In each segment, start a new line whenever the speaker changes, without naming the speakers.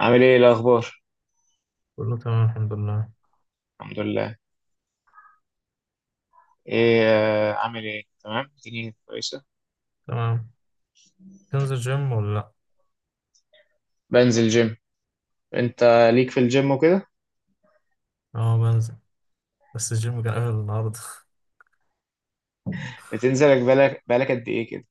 عامل ايه الاخبار؟
كله تمام الحمد لله.
الحمد لله. ايه عامل ايه؟ تمام، الدنيا كويسه.
تمام. تنزل جيم ولا لا؟
بنزل جيم. انت ليك في الجيم وكده؟
اه بنزل، بس الجيم كان قافل النهارده.
بتنزلك بالك قد ايه كده؟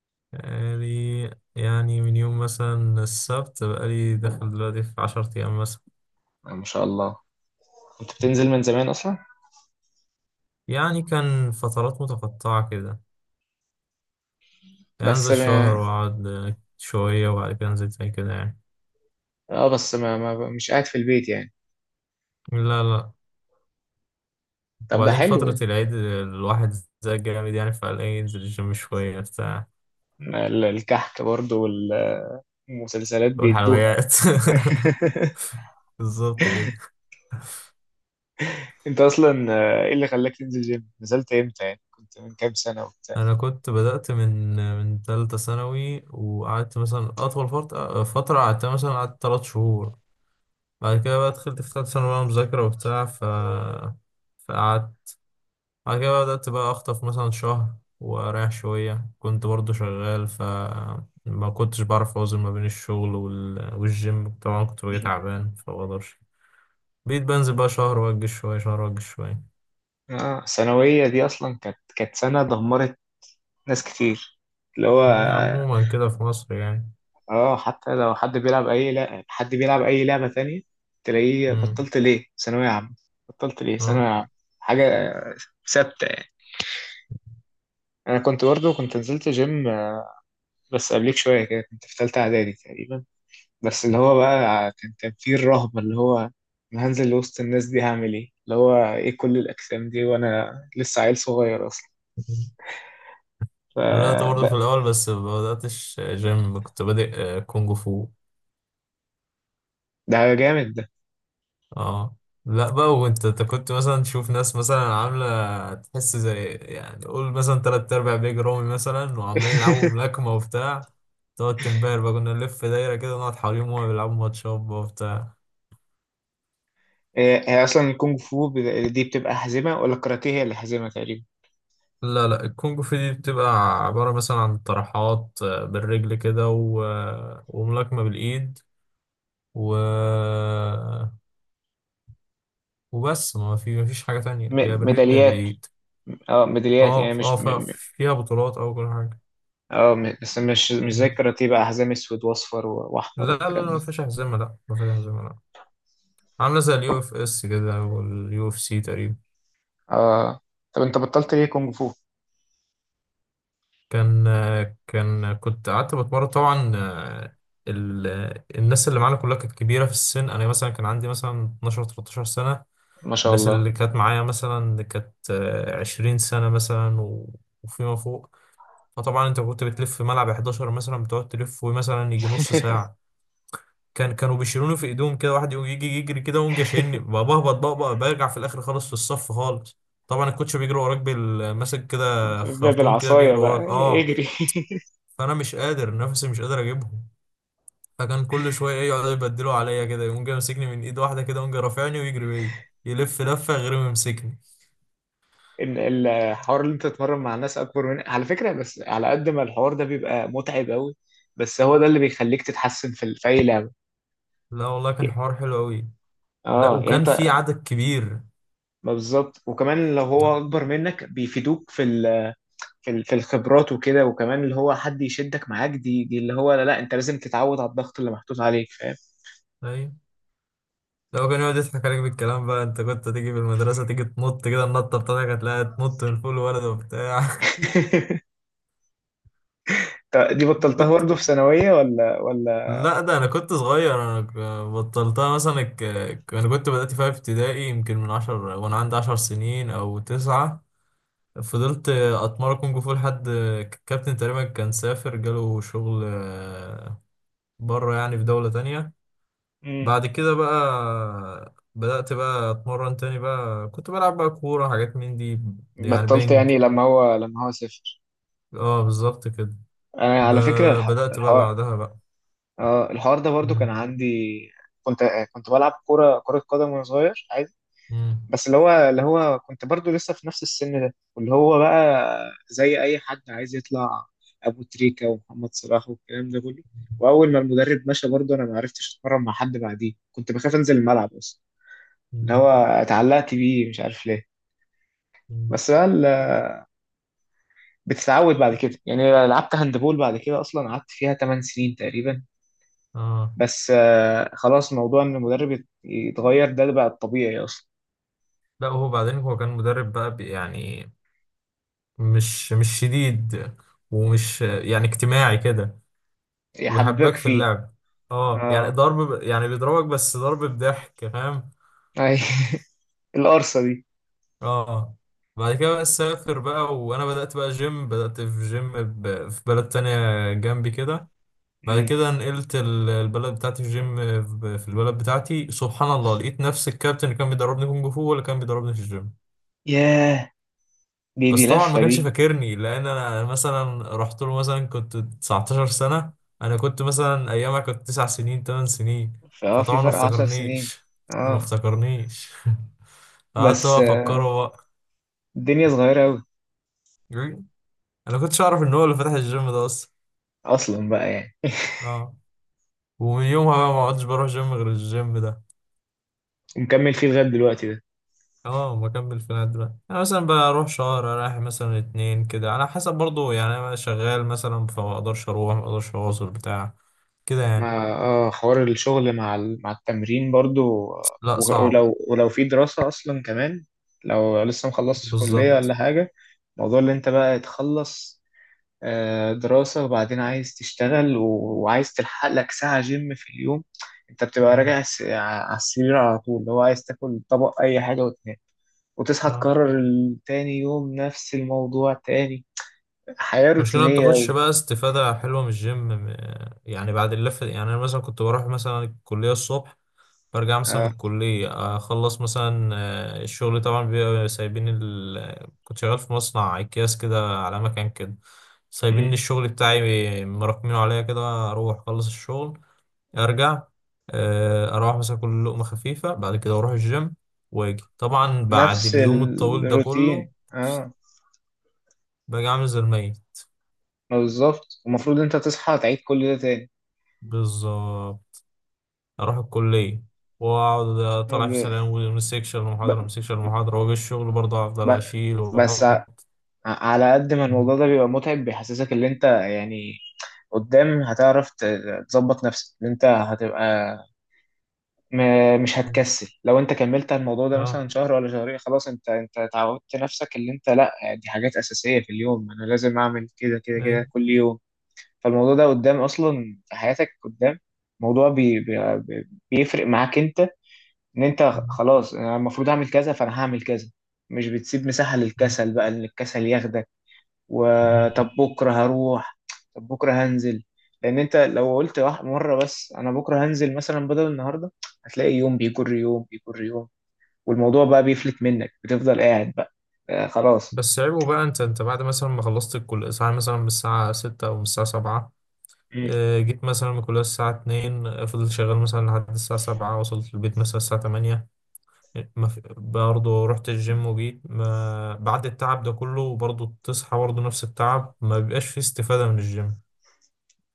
بقالي يعني من يوم مثلا السبت، بقالي داخل دلوقتي في عشرة أيام مثلا.
ما شاء الله، كنت بتنزل من زمان اصلا.
يعني كان فترات متقطعة كده، يعني
بس
أنزل شهر
ما...
وأقعد شوية وبعد كده أنزل تاني كده يعني.
اه بس ما... ما مش قاعد في البيت يعني.
لا لا.
طب ده
وبعدين
حلو
فترة
ده.
العيد الواحد زي جامد يعني، فقال إيه ينزل الجيم شوية بتاع.
الكحك برضه والمسلسلات بيدوها.
والحلويات بالظبط كده.
انت اصلا، ايه اللي خلاك تنزل جيم؟ نزلت امتى يعني؟ كنت من كام سنه وبتاع؟
انا كنت بدأت من من تالتة ثانوي، وقعدت مثلا اطول فترة، قعدت مثلا قعدت تلات شهور. بعد كده بقى دخلت في تالتة ثانوي بقى مذاكرة وبتاع، فقعدت. بعد كده بقى بدأت بقى اخطف مثلا شهر واريح شوية، كنت برضو شغال، ف ما كنتش بعرف اوزن ما بين الشغل والجيم، طبعا كنت باجي تعبان فمبقدرش. بقيت بنزل بقى شهر واجي شوية، شهر واجي شوية.
الثانويه دي اصلا كانت سنه دمرت ناس كتير، اللي هو،
هي عموما كده في مصر يعني.
اه، حتى لو حد بيلعب اي، لا، حد بيلعب اي لعبة تانية، تلاقيه
امم
بطلت ليه ثانوية
اه.
عامة، حاجة ثابتة يعني. انا كنت برضه نزلت جيم، بس قبليك شوية كده، كنت في تالتة اعدادي تقريبا. بس اللي هو بقى، كان فيه الرهبة، اللي هو انا هنزل وسط الناس دي هعمل ايه؟ اللي هو ايه كل الاجسام دي وانا لسه عيل صغير اصلا؟
بدأت برضه
فده.
في الأول، بس ما بدأتش جيم، كنت بادئ كونج فو.
ده جامد ده.
اه. لا بقى، وانت كنت مثلا تشوف ناس مثلا عاملة، تحس زي يعني قول مثلا تلات أرباع بيج رومي مثلا، وعمالين يلعبوا ملاكمة وبتاع. تقعد تنبهر بقى، كنا نلف دايرة كده نقعد حواليهم وهما بيلعبوا ماتشات بقى وبتاع.
هي اصلا الكونغ فو دي بتبقى حزمه ولا الكاراتيه هي اللي حزمه تقريبا؟
لا لا، الكونج فو دي بتبقى عبارة مثلا عن طرحات بالرجل كده و... آه، وملاكمة بالإيد و آه، وبس، ما في مفيش حاجة تانية، يا
م-
بالرجل يا
ميداليات
بالإيد.
اه، ميداليات يعني، مش
فيها بطولات او كل حاجه.
بس مش زي
مم.
الكاراتيه بقى، حزام اسود واصفر واحمر
لا لا
والكلام
لا، ما
ده؟
فيش هزيمه، لا ما فيش هزيمه لا. عامله زي اليو اف اس كده، واليو اف سي تقريبا.
اه. طب انت بطلت ليه كونغ فو؟
كان كان كنت قعدت بتمرن طبعا، ال... الناس اللي معانا كلها كانت كبيره في السن، انا مثلا كان عندي مثلا 12 13 سنه.
ما شاء
الناس
الله.
اللي كانت معايا مثلا كانت 20 سنه مثلا وفيما فوق. فطبعا انت كنت بتلف في ملعب 11 مثلا، بتقعد تلف مثلا يجي نص ساعه. كانوا بيشيلوني في ايديهم كده، واحد يقوم يجي يجري كده ويقوم جاي شايلني بقى، بهبط بقى، بقى برجع في الاخر خالص، في الصف خالص. طبعا الكوتش بيجري وراك ماسك كده
ب-
خرطوم كده،
بالعصايه
بيجري
بقى،
وراك اه.
اجري.
فانا مش قادر، نفسي مش قادر اجيبهم. فكان كل شويه ايه يقعدوا يبدلوا عليا كده، يقوم جاي ماسكني من ايد واحده كده، يقوم جاي رافعني ويجري بيا، يلف لفه غير ما يمسكني.
إن الحوار اللي انت تتمرن مع ناس اكبر منك على فكره، بس على قد ما الحوار ده بيبقى متعب قوي، بس هو ده اللي بيخليك تتحسن في في اي لعبه.
لا والله، كان حوار حلو قوي. لا،
اه يعني.
وكان في عدد كبير.
ما بالظبط، وكمان لو هو
نعم.
اكبر منك بيفيدوك في في الخبرات وكده، وكمان اللي هو حد يشدك معاك، دي اللي هو، لا، لا انت لازم تتعود على الضغط اللي محطوط عليك، فاهم؟
ايوه. لو كان يقعد يضحك عليك بالكلام بقى، انت كنت تيجي في المدرسة تيجي تنط كده، النطة بتاعتك هتلاقيها تنط من فوق الولد وبتاع.
طب دي بطلتها
كنت
برضه في ثانوية ولا؟
لا ده انا كنت صغير، انا ك- بطلتها مثلا ك... ك- انا كنت بدأت فيها في ابتدائي، يمكن من عشر وانا عندي عشر سنين او تسعة. فضلت اتمرن كونج فو لحد الكابتن تقريبا كان سافر، جاله شغل بره يعني في دولة تانية.
مم.
بعد كده بقى بدأت بقى اتمرن تاني بقى، كنت بلعب بقى كورة، حاجات من دي يعني
بطلت
بينج.
يعني لما هو سافر؟
اه بالظبط كده.
انا
ب...
على فكرة
بدأت بقى
الحوار،
بعدها بقى.
اه الحوار ده برضه كان
مم.
عندي. كنت كنت بلعب كرة قدم وانا صغير،
مم.
بس اللي هو كنت برضو لسه في نفس السن ده، واللي هو بقى زي اي حد عايز يطلع ابو تريكة ومحمد صلاح والكلام ده كله. واول ما المدرب مشى، برضو انا ما عرفتش اتمرن مع حد بعديه، كنت بخاف انزل الملعب اصلا، اللي
مم.
هو اتعلقت بيه مش عارف ليه.
مم.
بس بقى بتتعود بعد كده يعني. لعبت هاندبول بعد كده اصلا، قعدت فيها 8 سنين تقريبا.
اه.
بس خلاص موضوع ان المدرب يتغير ده بقى الطبيعي اصلا.
لا هو بعدين هو كان مدرب بقى يعني مش شديد، ومش يعني اجتماعي كده، وبيحبك
يحببك
في
فيه.
اللعب. اه يعني
اه.
ضرب يعني بيضربك، بس ضرب بضحك، فاهم.
اي. القرصة
اه. بعد كده بقى سافر بقى، وانا بدأت بقى جيم، بدأت في جيم في بلد تانية جنبي كده.
دي.
بعد كده نقلت البلد بتاعتي في جيم، في البلد بتاعتي سبحان الله لقيت نفس الكابتن اللي كان بيدربني كونج فو هو اللي كان بيدربني في الجيم.
ياه، دي
بس طبعا ما
لفة
كانش
دي.
فاكرني، لان انا مثلا رحت له مثلا كنت 19 سنة، انا كنت مثلا ايامها كنت 9 سنين 8 سنين،
فاه، في
فطبعا ما
فرق 10 سنين.
افتكرنيش، ما
اه.
افتكرنيش. قعدت
بس
بقى افكره بقى.
الدنيا صغيرة أوي.
انا كنتش اعرف ان هو اللي فتح الجيم ده اصلا.
أصلا بقى يعني.
اه. ومن يومها بقى ما عدتش بروح جيم غير الجيم ده.
ومكمل فيه لغاية دلوقتي ده؟
اه بكمل في النادي بقى، انا مثلا بروح شهر رايح مثلا اتنين كده، على حسب برضو يعني، انا شغال مثلا فما اقدرش اروح، ما اقدرش اواصل بتاع كده يعني.
مع، حوار الشغل مع مع التمرين برضو،
لا صعب.
ولو في دراسة أصلا كمان، لو لسه مخلصتش كلية
بالظبط.
ولا حاجة. موضوع اللي أنت بقى تخلص دراسة وبعدين عايز تشتغل وعايز تلحق لك ساعة جيم في اليوم، أنت بتبقى راجع على السرير على طول، اللي هو عايز تاكل طبق أي حاجة وتنام، وتصحى
اه.
تكرر تاني يوم نفس الموضوع تاني. حياة
المشكلة ما
روتينية
بتاخدش
أوي.
بقى استفادة حلوة من الجيم، يعني بعد اللفة يعني أنا مثلا كنت بروح مثلا الكلية الصبح، برجع مثلا من
آه.
الكلية أخلص مثلا الشغل طبعا بيبقى سايبين كنت شغال في مصنع أكياس كده على مكان كده، سايبين لي
مم.
الشغل بتاعي مراكمينه عليا كده، أروح أخلص الشغل، أرجع أروح مثلا كل لقمة خفيفة، بعد كده أروح الجيم، وأجي طبعا بعد
نفس
اليوم الطويل ده كله
الروتين. اه،
باجي عامل زي الميت.
بالظبط، المفروض انت تصحى تعيد كل ده تاني.
بالظبط. اروح الكليه واقعد طالع في
ب...
سلام، ومن سيكشن
ب...
لمحاضره، من سيكشن لمحاضره، واجي الشغل برضه افضل
ب...
اشيل
بس ع-
واحط.
على قد ما الموضوع ده بيبقى متعب، بيحسسك ان انت يعني قدام هتعرف تظبط نفسك، ان انت هتبقى مش هتكسل. لو انت كملت على الموضوع ده
اه.
مثلا شهر ولا شهرين خلاص، انت تعودت نفسك، اللي انت، لا، دي حاجات اساسيه في اليوم انا لازم اعمل كده كده
اي.
كده كل يوم. فالموضوع ده قدام اصلا في حياتك، قدام موضوع بيفرق معاك انت، ان انت خلاص انا المفروض اعمل كذا فانا هعمل كذا. مش بتسيب مساحه للكسل بقى ان الكسل ياخدك، وطب بكره هروح، طب بكره هنزل. لان انت لو قلت واحد مره بس انا بكره هنزل مثلا بدل النهارده، هتلاقي يوم بيجر يوم بيجر يوم، والموضوع بقى بيفلت منك، بتفضل قاعد بقى. آه، خلاص.
بس عيبه بقى، انت بعد مثلا ما خلصت الكليه ساعه مثلا، من الساعه 6 او من الساعه 7،
مم.
جيت مثلا من الكليه الساعه 2، فضلت شغال مثلا لحد الساعه 7، وصلت البيت مثلا الساعه 8، ما في برضه رحت الجيم وجيت، ما بعد التعب ده كله برضه تصحى برضه نفس التعب، ما بيبقاش فيه استفادة من الجيم،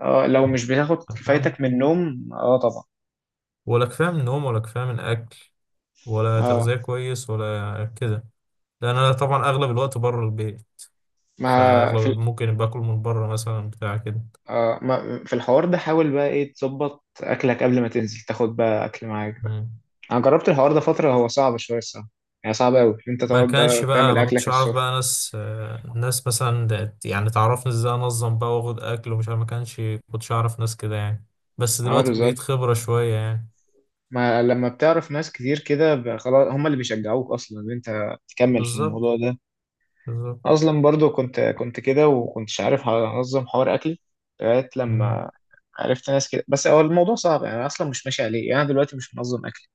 اه، لو مش بتاخد
فاهم.
كفايتك من النوم، اه، طبعا.
ولا كفاية من نوم، ولا كفاية من أكل، ولا
اه.
تغذية كويس ولا كده. لأن أنا طبعا أغلب الوقت بره البيت،
ما في
فأغلب
ال-
ممكن باكل من بره مثلا بتاع كده.
ما في الحوار ده، حاول بقى ايه تظبط اكلك قبل ما تنزل، تاخد بقى اكل معاك بقى.
مم.
انا جربت الحوار ده فتره، هو صعب شويه الصراحه، يعني صعب قوي انت
ما
تقعد
كانش
بقى
بقى،
تعمل
ما
اكلك
كنتش أعرف
الصبح.
بقى ناس ناس مثلا يعني تعرفني إزاي أنظم بقى وآخد أكل ومش عارف، ما كانش كنتش أعرف ناس كده يعني. بس
اه،
دلوقتي بقيت
بالظبط.
خبرة شوية يعني.
ما لما بتعرف ناس كتير كده، خلاص هم اللي بيشجعوك اصلا ان انت تكمل في
بالظبط.
الموضوع ده.
بالظبط.
اصلا برضو كنت كده وكنتش عارف انظم حوار اكلي لغايه
مم.
لما عرفت ناس كده، بس هو الموضوع صعب يعني، انا اصلا مش ماشي عليه يعني، انا دلوقتي مش منظم اكلي.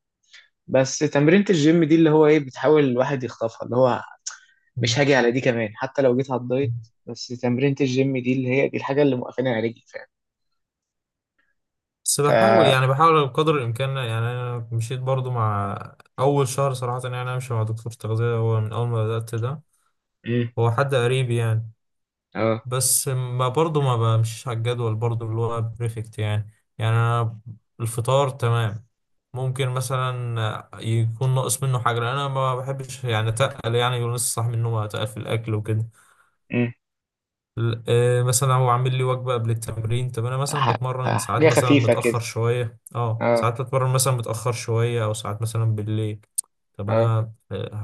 بس تمرينة الجيم دي اللي هو ايه بتحاول الواحد يخطفها، اللي هو مش هاجي على دي كمان حتى لو جيت على
مم.
الدايت. بس تمرينة الجيم دي اللي هي دي الحاجه اللي موقفاني على رجلي، فاهم؟
بس
ف
بحاول يعني، بحاول بقدر الإمكان يعني. أنا مشيت برضو مع أول شهر صراحة، يعني أنا ماشي مع دكتور تغذية هو من أول ما بدأت ده،
امم.
هو حد قريب يعني.
اه.
بس ما برضو ما بمشيش على الجدول برضو اللي هو بريفكت يعني. يعني أنا الفطار تمام، ممكن مثلا يكون ناقص منه حاجة لأن أنا ما بحبش يعني أتقل، يعني يقول نص صح منه ما أتقل في الأكل وكده.
امم.
مثلا هو عامل لي وجبة قبل التمرين، طب انا مثلا
ح-
بتمرن
ح-
ساعات
حاجه
مثلا
خفيفه كده.
متأخر شوية، اه
اه.
ساعات بتمرن مثلا متأخر شوية او ساعات مثلا بالليل. طب
اه.
انا آه،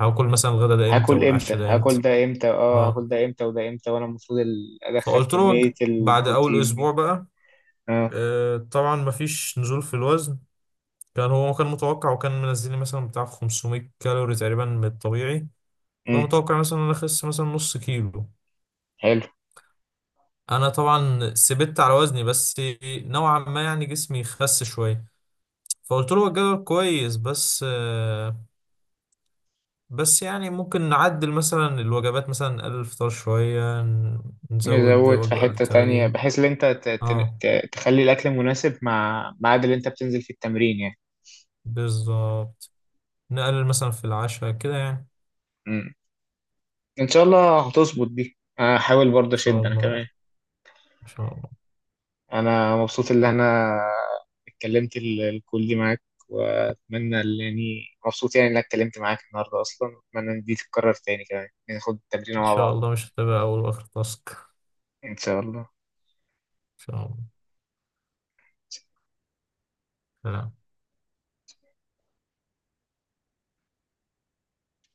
ه- هاكل مثلا الغدا ده امتى
هاكل امتى؟
والعشاء ده
هاكل
امتى؟
ده امتى؟ اه،
اه.
هاكل ده امتى وده امتى وانا المفروض ادخل
فقلت له
كمية
وجبة بعد اول
البروتين دي؟
اسبوع بقى،
اه.
طبعا مفيش نزول في الوزن. هو كان متوقع، وكان منزل لي مثلا بتاع 500 كالوري تقريبا من الطبيعي،
امم.
فمتوقع مثلا ان انا اخس مثلا نص كيلو.
حلو.
انا طبعا سبت على وزني بس، نوعا ما يعني جسمي خس شويه. فقلت له هو الجدول كويس بس بس يعني ممكن نعدل مثلا الوجبات، مثلا نقلل الفطار شويه، نزود
نزود في
وجبه قبل
حتة تانية
التمرين.
بحيث ان انت ت- ت-
اه
ت- تخلي الاكل مناسب مع ميعاد اللي انت بتنزل في التمرين يعني.
بالظبط. نقلل مثلا في العشاء كده يعني. ان
امم. ان شاء الله هتظبط دي، انا هحاول برضه
شاء
اشد انا
الله.
كمان.
ان شاء الله.
انا مبسوط ان انا اتكلمت الكل دي معاك، واتمنى يعني، مبسوط يعني انك اتكلمت معاك النهارده اصلا، واتمنى ان دي تتكرر تاني كمان ناخد التمرين
ان
مع
شاء
بعض.
الله مش هتبقى اول واخر تاسك ان
ان شاء الله.
شاء الله. سلام.